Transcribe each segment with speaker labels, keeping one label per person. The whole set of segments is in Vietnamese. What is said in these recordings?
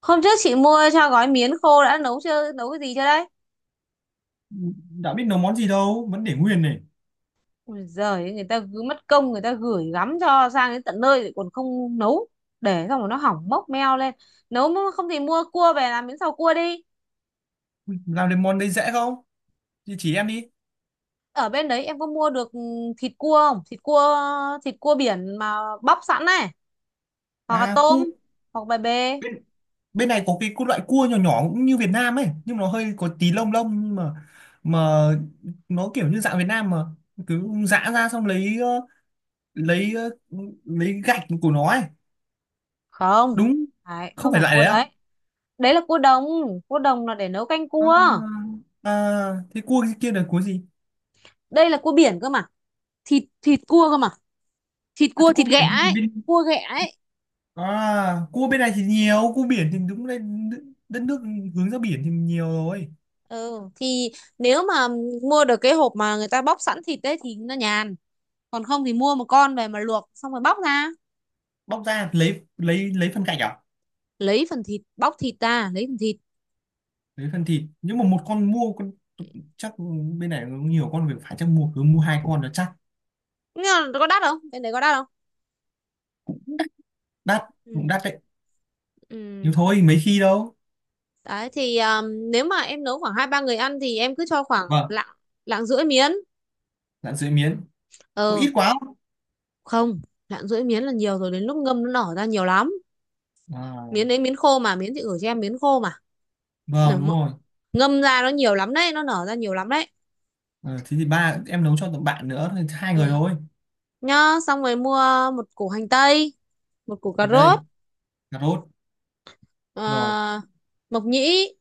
Speaker 1: Hôm trước chị mua cho gói miến khô đã nấu chưa, nấu cái gì chưa đấy?
Speaker 2: Đã biết nấu món gì đâu, vẫn để nguyên này.
Speaker 1: Ôi giời, ơi, người ta cứ mất công người ta gửi gắm cho sang đến tận nơi lại còn không nấu. Để xong rồi nó hỏng mốc meo lên. Nấu mà không thì mua cua về làm miến xào cua đi.
Speaker 2: Ui, làm được món đấy dễ không? Thì chỉ em đi.
Speaker 1: Ở bên đấy em có mua được thịt cua không? Thịt cua biển mà bóc sẵn này, hoặc là
Speaker 2: À cu,
Speaker 1: tôm, hoặc bè bê.
Speaker 2: bên này có cái loại cua nhỏ nhỏ cũng như Việt Nam ấy, nhưng mà nó hơi có tí lông lông, nhưng mà nó kiểu như dạng Việt Nam, mà cứ giã ra xong lấy lấy lấy gạch của nó ấy.
Speaker 1: Không.
Speaker 2: Đúng.
Speaker 1: Đấy,
Speaker 2: Không
Speaker 1: không
Speaker 2: phải
Speaker 1: phải
Speaker 2: lại
Speaker 1: cua
Speaker 2: đấy á?
Speaker 1: đấy. Đấy là cua đồng là để nấu canh
Speaker 2: à,
Speaker 1: cua.
Speaker 2: à, Thế cua kia là cua gì?
Speaker 1: Đây là cua biển cơ mà. Thịt Thịt cua cơ mà. Thịt
Speaker 2: À thế
Speaker 1: cua
Speaker 2: cua
Speaker 1: thịt ghẹ
Speaker 2: biển thì
Speaker 1: ấy,
Speaker 2: bên…
Speaker 1: cua ghẹ ấy.
Speaker 2: À cua bên này thì nhiều, cua biển thì đúng là đất nước hướng ra biển thì nhiều rồi.
Speaker 1: Ừ thì nếu mà mua được cái hộp mà người ta bóc sẵn thịt đấy thì nó nhàn, còn không thì mua một con về mà luộc xong rồi bóc ra
Speaker 2: Bóc ra lấy lấy phần gạch à?
Speaker 1: lấy phần thịt, bóc thịt ra lấy phần thịt.
Speaker 2: Lấy phần thịt, nhưng mà một con mua con chắc, bên này cũng nhiều con, việc phải chắc mua, cứ mua hai con nó chắc.
Speaker 1: Nhưng mà nó có đắt không, bên đấy có đắt không?
Speaker 2: Đắt. Cũng
Speaker 1: Ừ.
Speaker 2: đắt đấy, nhưng
Speaker 1: Ừ,
Speaker 2: thôi mấy khi đâu.
Speaker 1: đấy thì nếu mà em nấu khoảng hai ba người ăn thì em cứ cho khoảng
Speaker 2: Vâng.
Speaker 1: lạng, lạng rưỡi miến.
Speaker 2: Dạ dưới miến cũng
Speaker 1: Ờ,
Speaker 2: ít quá không?
Speaker 1: không, lạng rưỡi miến là nhiều rồi, đến lúc ngâm nó nở ra nhiều lắm.
Speaker 2: À,
Speaker 1: Miến đấy miến khô mà, miến chị gửi cho em miến khô mà,
Speaker 2: vâng đúng rồi.
Speaker 1: ngâm ra nó nhiều lắm đấy, nó nở ra nhiều lắm đấy.
Speaker 2: Ờ, thế thì ba em nấu cho tụi bạn nữa thì hai người
Speaker 1: Ừ.
Speaker 2: thôi.
Speaker 1: Nhá, xong rồi mua một củ hành tây, một củ cà
Speaker 2: Hành tây,
Speaker 1: rốt,
Speaker 2: cà rốt, rồi
Speaker 1: ờ, mộc nhĩ,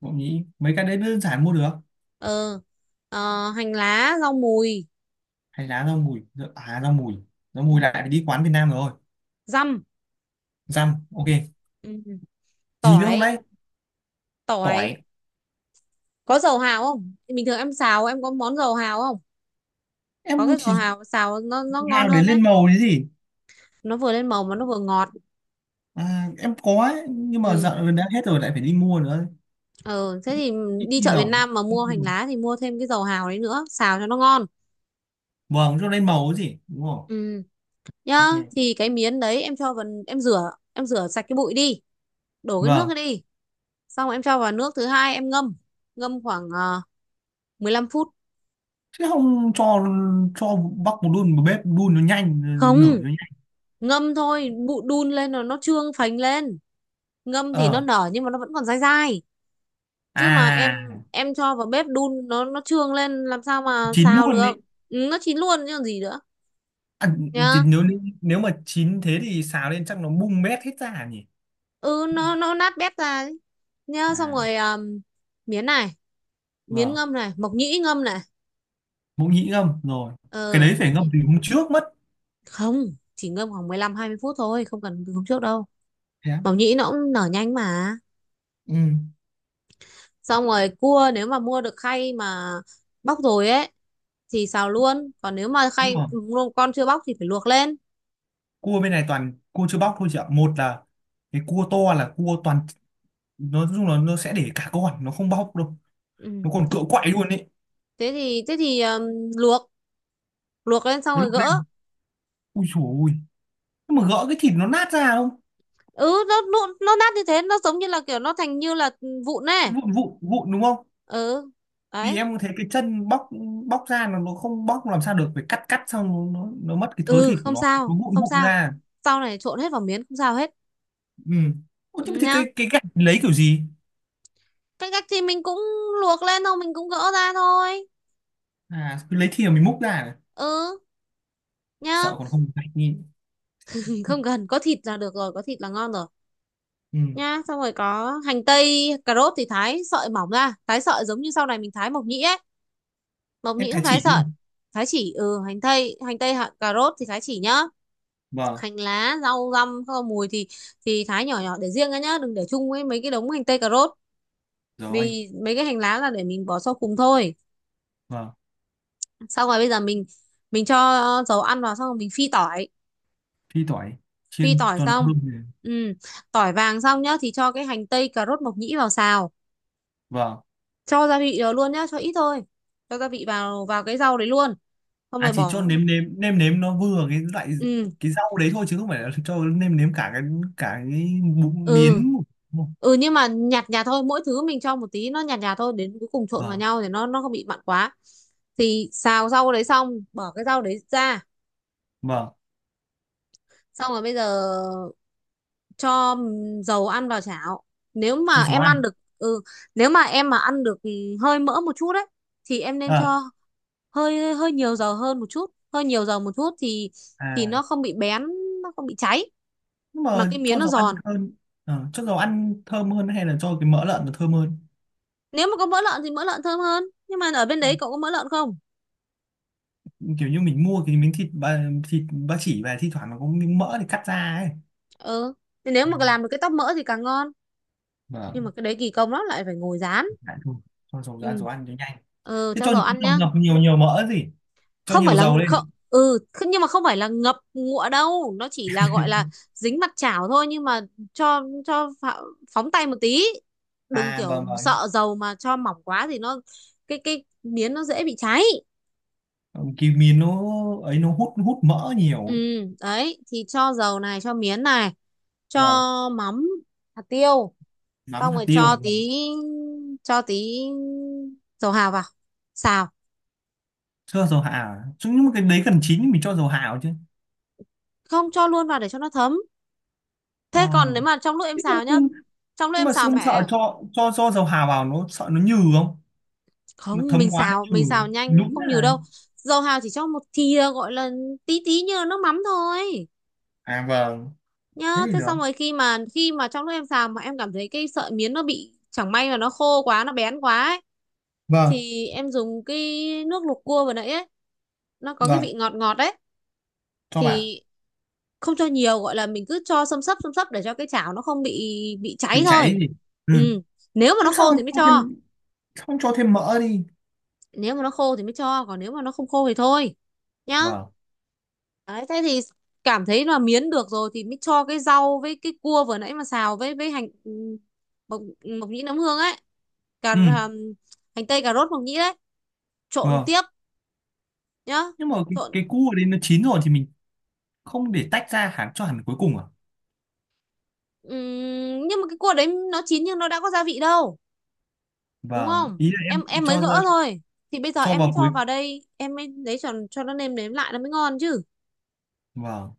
Speaker 2: bỗng nhĩ, mấy cái đấy đơn giản mua được.
Speaker 1: ờ, hành lá, rau mùi,
Speaker 2: Hay lá rau mùi. À rau mùi, rau mùi
Speaker 1: ừ,
Speaker 2: lại phải đi quán Việt Nam rồi.
Speaker 1: dăm,
Speaker 2: Dăm, ok.
Speaker 1: ừ,
Speaker 2: Gì nữa không
Speaker 1: tỏi,
Speaker 2: đấy?
Speaker 1: tỏi.
Speaker 2: Tỏi.
Speaker 1: Có dầu hào không, bình thường em xào em có món dầu hào không? Có
Speaker 2: Em cũng
Speaker 1: cái dầu
Speaker 2: chỉ…
Speaker 1: hào xào nó ngon
Speaker 2: Hào để
Speaker 1: hơn đấy,
Speaker 2: lên màu chứ gì?
Speaker 1: nó vừa lên màu mà nó vừa ngọt.
Speaker 2: À, em có ấy, nhưng mà
Speaker 1: Ừ.
Speaker 2: dạo này đã hết rồi, lại phải đi mua nữa.
Speaker 1: Ờ, thế thì
Speaker 2: Ít
Speaker 1: đi
Speaker 2: khi
Speaker 1: chợ Việt
Speaker 2: rồng.
Speaker 1: Nam mà
Speaker 2: Ít
Speaker 1: mua
Speaker 2: khi
Speaker 1: hành
Speaker 2: dùng.
Speaker 1: lá thì mua thêm cái dầu hào đấy nữa, xào cho nó ngon.
Speaker 2: Vâng, cho lên màu cái gì đúng không?
Speaker 1: Ừ, nhá,
Speaker 2: Ok.
Speaker 1: thì cái miến đấy em cho vào em rửa sạch cái bụi đi, đổ cái nước cái
Speaker 2: Vâng,
Speaker 1: đi. Xong rồi em cho vào nước thứ hai em ngâm, ngâm khoảng 15 phút.
Speaker 2: chứ không cho cho bắc một đun vào bếp đun nó nhanh nở
Speaker 1: Không,
Speaker 2: nó nhanh.
Speaker 1: ngâm thôi, bụi đun lên rồi nó trương phành lên. Ngâm thì nó
Speaker 2: Ờ,
Speaker 1: nở nhưng mà nó vẫn còn dai dai. Chứ mà em
Speaker 2: à,
Speaker 1: em cho vào bếp đun nó trương lên làm sao mà
Speaker 2: chín
Speaker 1: xào
Speaker 2: luôn đấy.
Speaker 1: được. Ừ, nó chín luôn chứ còn gì nữa.
Speaker 2: À, thì
Speaker 1: Nhá,
Speaker 2: nếu nếu mà chín thế thì xào lên chắc nó bung bét hết ra nhỉ.
Speaker 1: ừ nó nát bét ra ấy. Nhá, xong
Speaker 2: À
Speaker 1: rồi miến này, miến
Speaker 2: vâng,
Speaker 1: ngâm này, mộc nhĩ ngâm này.
Speaker 2: mộc nhĩ ngâm rồi, cái
Speaker 1: ờ
Speaker 2: đấy
Speaker 1: mộc
Speaker 2: phải ngâm
Speaker 1: nhĩ-
Speaker 2: từ hôm trước mất.
Speaker 1: Không, chỉ ngâm khoảng 15 20 phút thôi, không cần từ hôm trước đâu.
Speaker 2: Thế á?
Speaker 1: Mộc nhĩ nó cũng nở nhanh mà.
Speaker 2: Ừ.
Speaker 1: Xong rồi cua, nếu mà mua được khay mà bóc rồi ấy thì xào luôn, còn nếu mà
Speaker 2: Nhưng
Speaker 1: khay
Speaker 2: mà
Speaker 1: luôn con chưa bóc thì phải luộc lên.
Speaker 2: cua bên này toàn cua chưa bóc thôi chị ạ, một là cái cua to là cua toàn, nói chung là nó sẽ để cả con, nó không bóc đâu. Nó
Speaker 1: Ừ.
Speaker 2: còn cựa quậy luôn đấy.
Speaker 1: Thế thì luộc, luộc lên xong
Speaker 2: Nó
Speaker 1: rồi
Speaker 2: lúc
Speaker 1: gỡ.
Speaker 2: lên, ui dồi ui, nhưng mà gỡ cái thịt nó nát ra không?
Speaker 1: Ừ nó nát như thế, nó giống như là kiểu nó thành như là vụn này.
Speaker 2: Cái vụn vụn vụn đúng không?
Speaker 1: Ừ,
Speaker 2: Thì
Speaker 1: đấy.
Speaker 2: em có thấy cái chân bóc, bóc ra nó không bóc làm sao được, phải cắt, cắt xong nó mất cái thớ
Speaker 1: Ừ,
Speaker 2: thịt của
Speaker 1: không
Speaker 2: nó
Speaker 1: sao,
Speaker 2: nó vụn
Speaker 1: không
Speaker 2: vụn
Speaker 1: sao.
Speaker 2: ra.
Speaker 1: Sau này trộn hết vào miến không sao hết.
Speaker 2: Ừ. Ủa,
Speaker 1: Ừ,
Speaker 2: chứ thì cái
Speaker 1: nhá.
Speaker 2: gạch lấy kiểu gì?
Speaker 1: Cái cách thì mình cũng luộc lên thôi, mình cũng gỡ ra thôi.
Speaker 2: À cứ lấy thìa mình múc ra à?
Speaker 1: Ừ, nhá.
Speaker 2: Sợ còn không gạch nhìn.
Speaker 1: Không cần, có thịt là được rồi, có thịt là ngon rồi.
Speaker 2: Ừ.
Speaker 1: Nhá, xong rồi có hành tây cà rốt thì thái sợi mỏng ra, thái sợi giống như sau này mình thái mộc nhĩ ấy. Mộc
Speaker 2: Em
Speaker 1: nhĩ
Speaker 2: thái
Speaker 1: cũng thái
Speaker 2: chỉ
Speaker 1: sợi.
Speaker 2: luôn.
Speaker 1: Thái chỉ, ừ, hành tây. Hành tây hạt cà rốt thì thái chỉ nhá.
Speaker 2: Vâng.
Speaker 1: Hành lá rau răm rau mùi thì thái nhỏ nhỏ để riêng ra nhá, đừng để chung với mấy cái đống hành tây cà rốt,
Speaker 2: Rồi.
Speaker 1: vì mấy cái hành lá là để mình bỏ sau cùng thôi.
Speaker 2: Vâng.
Speaker 1: Xong rồi bây giờ mình cho dầu ăn vào, xong rồi mình phi tỏi.
Speaker 2: Phi tỏi,
Speaker 1: Phi
Speaker 2: chiên
Speaker 1: tỏi
Speaker 2: cho nó
Speaker 1: xong,
Speaker 2: thơm.
Speaker 1: ừ, tỏi vàng xong nhá thì cho cái hành tây cà rốt mộc nhĩ vào xào,
Speaker 2: Vâng.
Speaker 1: cho gia vị vào luôn nhá, cho ít thôi, cho gia vị vào vào cái rau đấy luôn, xong
Speaker 2: À
Speaker 1: rồi
Speaker 2: chỉ
Speaker 1: bỏ.
Speaker 2: cho nếm nếm nêm nếm nó vừa cái loại
Speaker 1: Ừ,
Speaker 2: cái rau đấy thôi, chứ không phải là cho nêm nếm cả cái miến.
Speaker 1: ừ, ừ, nhưng mà nhạt nhạt thôi, mỗi thứ mình cho một tí, nó nhạt nhạt thôi, đến cuối cùng trộn vào
Speaker 2: Vâng.
Speaker 1: nhau thì nó không bị mặn quá. Thì xào rau đấy xong bỏ cái rau đấy ra.
Speaker 2: Vâng,
Speaker 1: Xong rồi bây giờ cho dầu ăn vào chảo. Nếu mà
Speaker 2: cho dầu
Speaker 1: em
Speaker 2: ăn.
Speaker 1: ăn được, ừ, nếu mà em mà ăn được, hơi mỡ một chút đấy, thì em nên
Speaker 2: À,
Speaker 1: cho hơi hơi nhiều dầu hơn một chút, hơi nhiều dầu một chút thì
Speaker 2: à,
Speaker 1: nó không bị bén, nó không bị cháy,
Speaker 2: nhưng
Speaker 1: mà
Speaker 2: mà
Speaker 1: cái miếng
Speaker 2: cho
Speaker 1: nó
Speaker 2: dầu ăn
Speaker 1: giòn.
Speaker 2: hơn. Ờ, cho dầu ăn thơm hơn hay là cho cái mỡ lợn nó thơm hơn?
Speaker 1: Nếu mà có mỡ lợn thì mỡ lợn thơm hơn, nhưng mà ở bên đấy cậu có mỡ lợn không?
Speaker 2: Kiểu như mình mua cái miếng thịt ba chỉ về, thi thoảng nó có miếng mỡ thì cắt ra ấy.
Speaker 1: Ừ, thì nếu mà
Speaker 2: Vâng.
Speaker 1: làm được cái tóp mỡ thì càng ngon, nhưng mà
Speaker 2: Vâng.
Speaker 1: cái đấy kỳ công lắm lại phải ngồi rán.
Speaker 2: Lại thôi, cho dầu
Speaker 1: Ừ.
Speaker 2: ra, dầu ăn cho nhanh.
Speaker 1: Ừ,
Speaker 2: Thế
Speaker 1: cho
Speaker 2: cho
Speaker 1: dầu
Speaker 2: những cái
Speaker 1: ăn
Speaker 2: ngập
Speaker 1: nhá.
Speaker 2: ngập nhiều nhiều mỡ gì? Cho
Speaker 1: Không phải
Speaker 2: nhiều
Speaker 1: là
Speaker 2: dầu
Speaker 1: không,
Speaker 2: lên.
Speaker 1: ừ, thế nhưng mà không phải là ngập ngụa đâu, nó chỉ là gọi là dính mặt chảo thôi, nhưng mà cho cho phạ- phóng tay một tí, đừng
Speaker 2: À
Speaker 1: kiểu
Speaker 2: vâng, vâng.
Speaker 1: sợ dầu mà cho mỏng quá thì nó cái miến nó dễ bị cháy.
Speaker 2: Kiwi nó… ấy nó hút hút mỡ nhiều
Speaker 1: Ừ,
Speaker 2: ấy.
Speaker 1: đấy thì cho dầu này, cho miến này, cho
Speaker 2: Vâng.
Speaker 1: mắm, hạt tiêu,
Speaker 2: Mắm
Speaker 1: xong
Speaker 2: hạt
Speaker 1: rồi
Speaker 2: tiêu, vâng.
Speaker 1: cho tí dầu hào vào xào.
Speaker 2: Chưa dầu hạ à? Chứ nhưng mà cái đấy gần chín thì mình cho dầu hạ vào chứ.
Speaker 1: Không, cho luôn vào để cho nó thấm.
Speaker 2: Ờ.
Speaker 1: Thế còn nếu mà trong lúc em
Speaker 2: Thế
Speaker 1: xào nhá, trong lúc
Speaker 2: nhưng
Speaker 1: em
Speaker 2: mà
Speaker 1: xào
Speaker 2: không sợ
Speaker 1: mẹ,
Speaker 2: cho dầu hạ vào nó sợ nó nhừ không? Nó
Speaker 1: không,
Speaker 2: thấm
Speaker 1: mình
Speaker 2: quá
Speaker 1: xào,
Speaker 2: nó nhừ
Speaker 1: mình xào nhanh
Speaker 2: nhũn
Speaker 1: không nhiều
Speaker 2: này.
Speaker 1: đâu. Dầu hào chỉ cho một thìa gọi là tí tí như là nước mắm thôi.
Speaker 2: À vâng. Thế
Speaker 1: Nhá,
Speaker 2: thì
Speaker 1: thế
Speaker 2: được.
Speaker 1: xong rồi khi mà trong lúc em xào mà em cảm thấy cái sợi miến nó bị, chẳng may mà nó khô quá, nó bén quá ấy,
Speaker 2: Vâng.
Speaker 1: thì em dùng cái nước luộc cua vừa nãy ấy, nó có cái
Speaker 2: Vâng,
Speaker 1: vị ngọt ngọt đấy,
Speaker 2: cho vào.
Speaker 1: thì không cho nhiều, gọi là mình cứ cho xâm xấp để cho cái chảo nó không bị cháy
Speaker 2: Bị
Speaker 1: thôi.
Speaker 2: cháy gì. Ừ.
Speaker 1: Ừ, nếu mà nó
Speaker 2: Nhưng sao
Speaker 1: khô
Speaker 2: không
Speaker 1: thì mới
Speaker 2: cho thêm,
Speaker 1: cho,
Speaker 2: không cho thêm mỡ đi?
Speaker 1: nếu mà nó khô thì mới cho, còn nếu mà nó không khô thì thôi, nhá.
Speaker 2: Vâng.
Speaker 1: Đấy, thế thì cảm thấy là miến được rồi thì mới cho cái rau với cái cua vừa nãy mà xào, với hành, ừ, mộc, mộc nhĩ nấm hương ấy, cà
Speaker 2: Ừ.
Speaker 1: hành tây cà rốt mộc nhĩ đấy, trộn
Speaker 2: Vâng.
Speaker 1: tiếp nhá,
Speaker 2: Nhưng mà cái
Speaker 1: trộn.
Speaker 2: cua ở đây nó chín rồi thì mình không để tách ra hẳn, cho hẳn cuối cùng à?
Speaker 1: Nhưng mà cái cua đấy nó chín nhưng nó đã có gia vị đâu, đúng
Speaker 2: Vâng,
Speaker 1: không,
Speaker 2: ý là em
Speaker 1: em mới
Speaker 2: cho
Speaker 1: gỡ
Speaker 2: ra,
Speaker 1: thôi, thì bây giờ
Speaker 2: cho
Speaker 1: em mới
Speaker 2: vào cuối.
Speaker 1: cho vào đây em mới lấy cho nó nêm nếm lại nó mới ngon chứ.
Speaker 2: Vâng.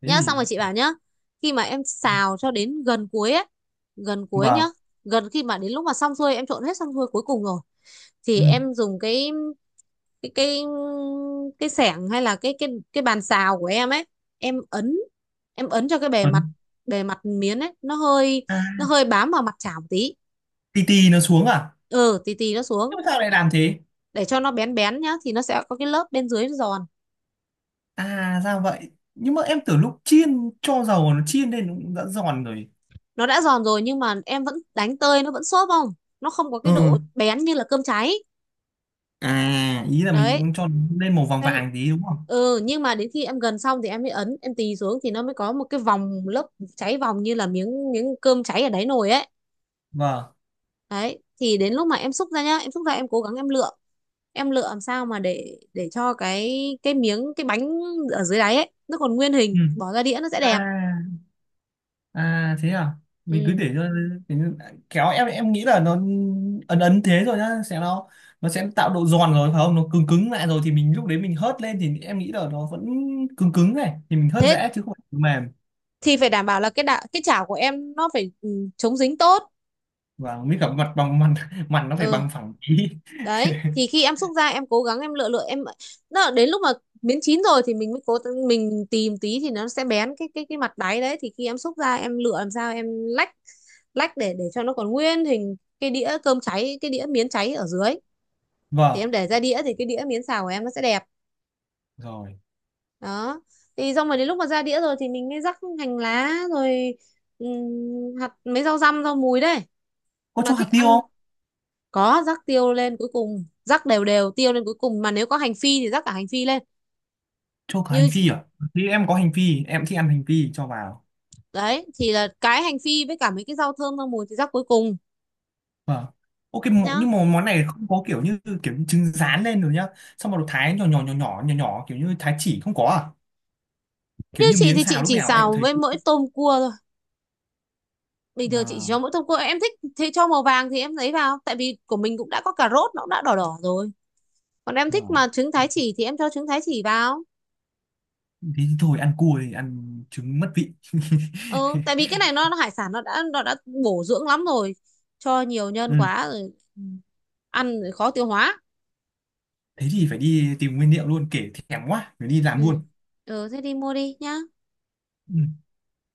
Speaker 2: Thế
Speaker 1: Nhá, xong
Speaker 2: thì…
Speaker 1: rồi chị bảo nhá, khi mà em xào cho đến gần cuối ấy, gần cuối nhá,
Speaker 2: Vâng.
Speaker 1: gần khi mà đến lúc mà xong xuôi em trộn hết xong xuôi cuối cùng rồi
Speaker 2: Ừ.
Speaker 1: thì em dùng cái cái cái xẻng hay là cái bàn xào của em ấy, em ấn, em ấn cho cái bề
Speaker 2: Ấn.
Speaker 1: mặt, bề mặt miến ấy nó hơi,
Speaker 2: À,
Speaker 1: nó hơi bám vào mặt chảo một tí.
Speaker 2: tì tì nó xuống à?
Speaker 1: Ừ, tí tí nó xuống,
Speaker 2: Nhưng mà sao lại làm thế?
Speaker 1: để cho nó bén bén nhá, thì nó sẽ có cái lớp bên dưới nó giòn.
Speaker 2: À ra vậy, nhưng mà em tưởng lúc chiên cho dầu, nó chiên lên nó cũng đã giòn rồi.
Speaker 1: Nó đã giòn rồi nhưng mà em vẫn đánh tơi nó vẫn xốp, không, nó không có
Speaker 2: Ừ.
Speaker 1: cái độ bén như là cơm cháy.
Speaker 2: À ý là mình
Speaker 1: Đấy.
Speaker 2: cũng cho lên màu vàng
Speaker 1: Cho n-
Speaker 2: vàng tí đúng không?
Speaker 1: ừ, nhưng mà đến khi em gần xong thì em mới ấn em tì xuống thì nó mới có một cái vòng lớp cháy vòng như là miếng miếng cơm cháy ở đáy nồi ấy.
Speaker 2: Vâng.
Speaker 1: Đấy, thì đến lúc mà em xúc ra nhá, em xúc ra em cố gắng em lựa, em lựa làm sao mà để cho cái bánh ở dưới đáy ấy nó còn nguyên
Speaker 2: Ừ.
Speaker 1: hình, bỏ ra đĩa nó sẽ
Speaker 2: À.
Speaker 1: đẹp.
Speaker 2: À thế à? Mình cứ
Speaker 1: Ừ.
Speaker 2: để cho để- kéo em nghĩ là nó ấn ấn thế rồi nhá, sẽ nó sẽ tạo độ giòn rồi phải không? Nó cứng cứng lại rồi thì mình lúc đấy mình hớt lên, thì em nghĩ là nó vẫn cứng cứng này thì mình hớt
Speaker 1: Thế
Speaker 2: dễ, chứ không phải mềm.
Speaker 1: thì phải đảm bảo là cái chảo của em nó phải, chống dính tốt.
Speaker 2: Và mới cả mặt bằng, mặt mặt nó phải
Speaker 1: Ừ,
Speaker 2: bằng phẳng tí.
Speaker 1: đấy thì khi em xúc ra em cố gắng em lựa lựa em đó, đến lúc mà miếng chín rồi thì mình mới cố, mình tìm tí thì nó sẽ bén cái mặt đáy đấy, thì khi em xúc ra em lựa làm sao em lách, lách để cho nó còn nguyên hình cái đĩa cơm cháy, cái đĩa miến cháy ở dưới, thì
Speaker 2: Vâng,
Speaker 1: em để ra đĩa thì cái đĩa miến xào của em nó sẽ đẹp.
Speaker 2: rồi.
Speaker 1: Đó, thì xong rồi đến lúc mà ra đĩa rồi thì mình mới rắc hành lá rồi, hạt, mấy rau răm rau mùi đấy,
Speaker 2: Có
Speaker 1: mà
Speaker 2: cho hạt
Speaker 1: thích
Speaker 2: tiêu
Speaker 1: ăn,
Speaker 2: không?
Speaker 1: có rắc tiêu lên cuối cùng, rắc đều đều tiêu lên cuối cùng, mà nếu có hành phi thì rắc cả hành phi lên
Speaker 2: Cho cả hành
Speaker 1: như
Speaker 2: phi à? Thì em có hành phi, em thích ăn hành phi cho vào.
Speaker 1: đấy, thì là cái hành phi với cả mấy cái rau thơm rau mùi thì rắc cuối cùng
Speaker 2: Vâng. Ok
Speaker 1: nhá.
Speaker 2: nhưng mà món này không có kiểu như trứng rán lên rồi nhá. Xong rồi thái nhỏ nhỏ nhỏ nhỏ nhỏ nhỏ kiểu như thái chỉ không có à?
Speaker 1: Như
Speaker 2: Kiểu như
Speaker 1: chị
Speaker 2: miến
Speaker 1: thì chị
Speaker 2: xào lúc
Speaker 1: chỉ
Speaker 2: nào em cũng
Speaker 1: xào
Speaker 2: thấy.
Speaker 1: với mỗi tôm cua thôi, bình thường chị chỉ
Speaker 2: À,
Speaker 1: cho mỗi tôm cua, em thích thì cho màu vàng thì em lấy vào, tại vì của mình cũng đã có cà rốt nó cũng đã đỏ đỏ rồi, còn em thích
Speaker 2: vâng.
Speaker 1: mà trứng thái chỉ thì em cho trứng thái chỉ vào.
Speaker 2: Thế thì thôi ăn cua thì ăn trứng mất vị.
Speaker 1: Ừ, tại vì cái này nó hải sản nó đã bổ dưỡng lắm rồi, cho nhiều nhân
Speaker 2: Ừ.
Speaker 1: quá rồi, ăn rồi khó tiêu hóa.
Speaker 2: Thế thì phải đi tìm nguyên liệu luôn, kể thèm quá, phải đi làm
Speaker 1: Ừ.
Speaker 2: luôn.
Speaker 1: Ừ, thế đi mua đi nhá.
Speaker 2: Ừ.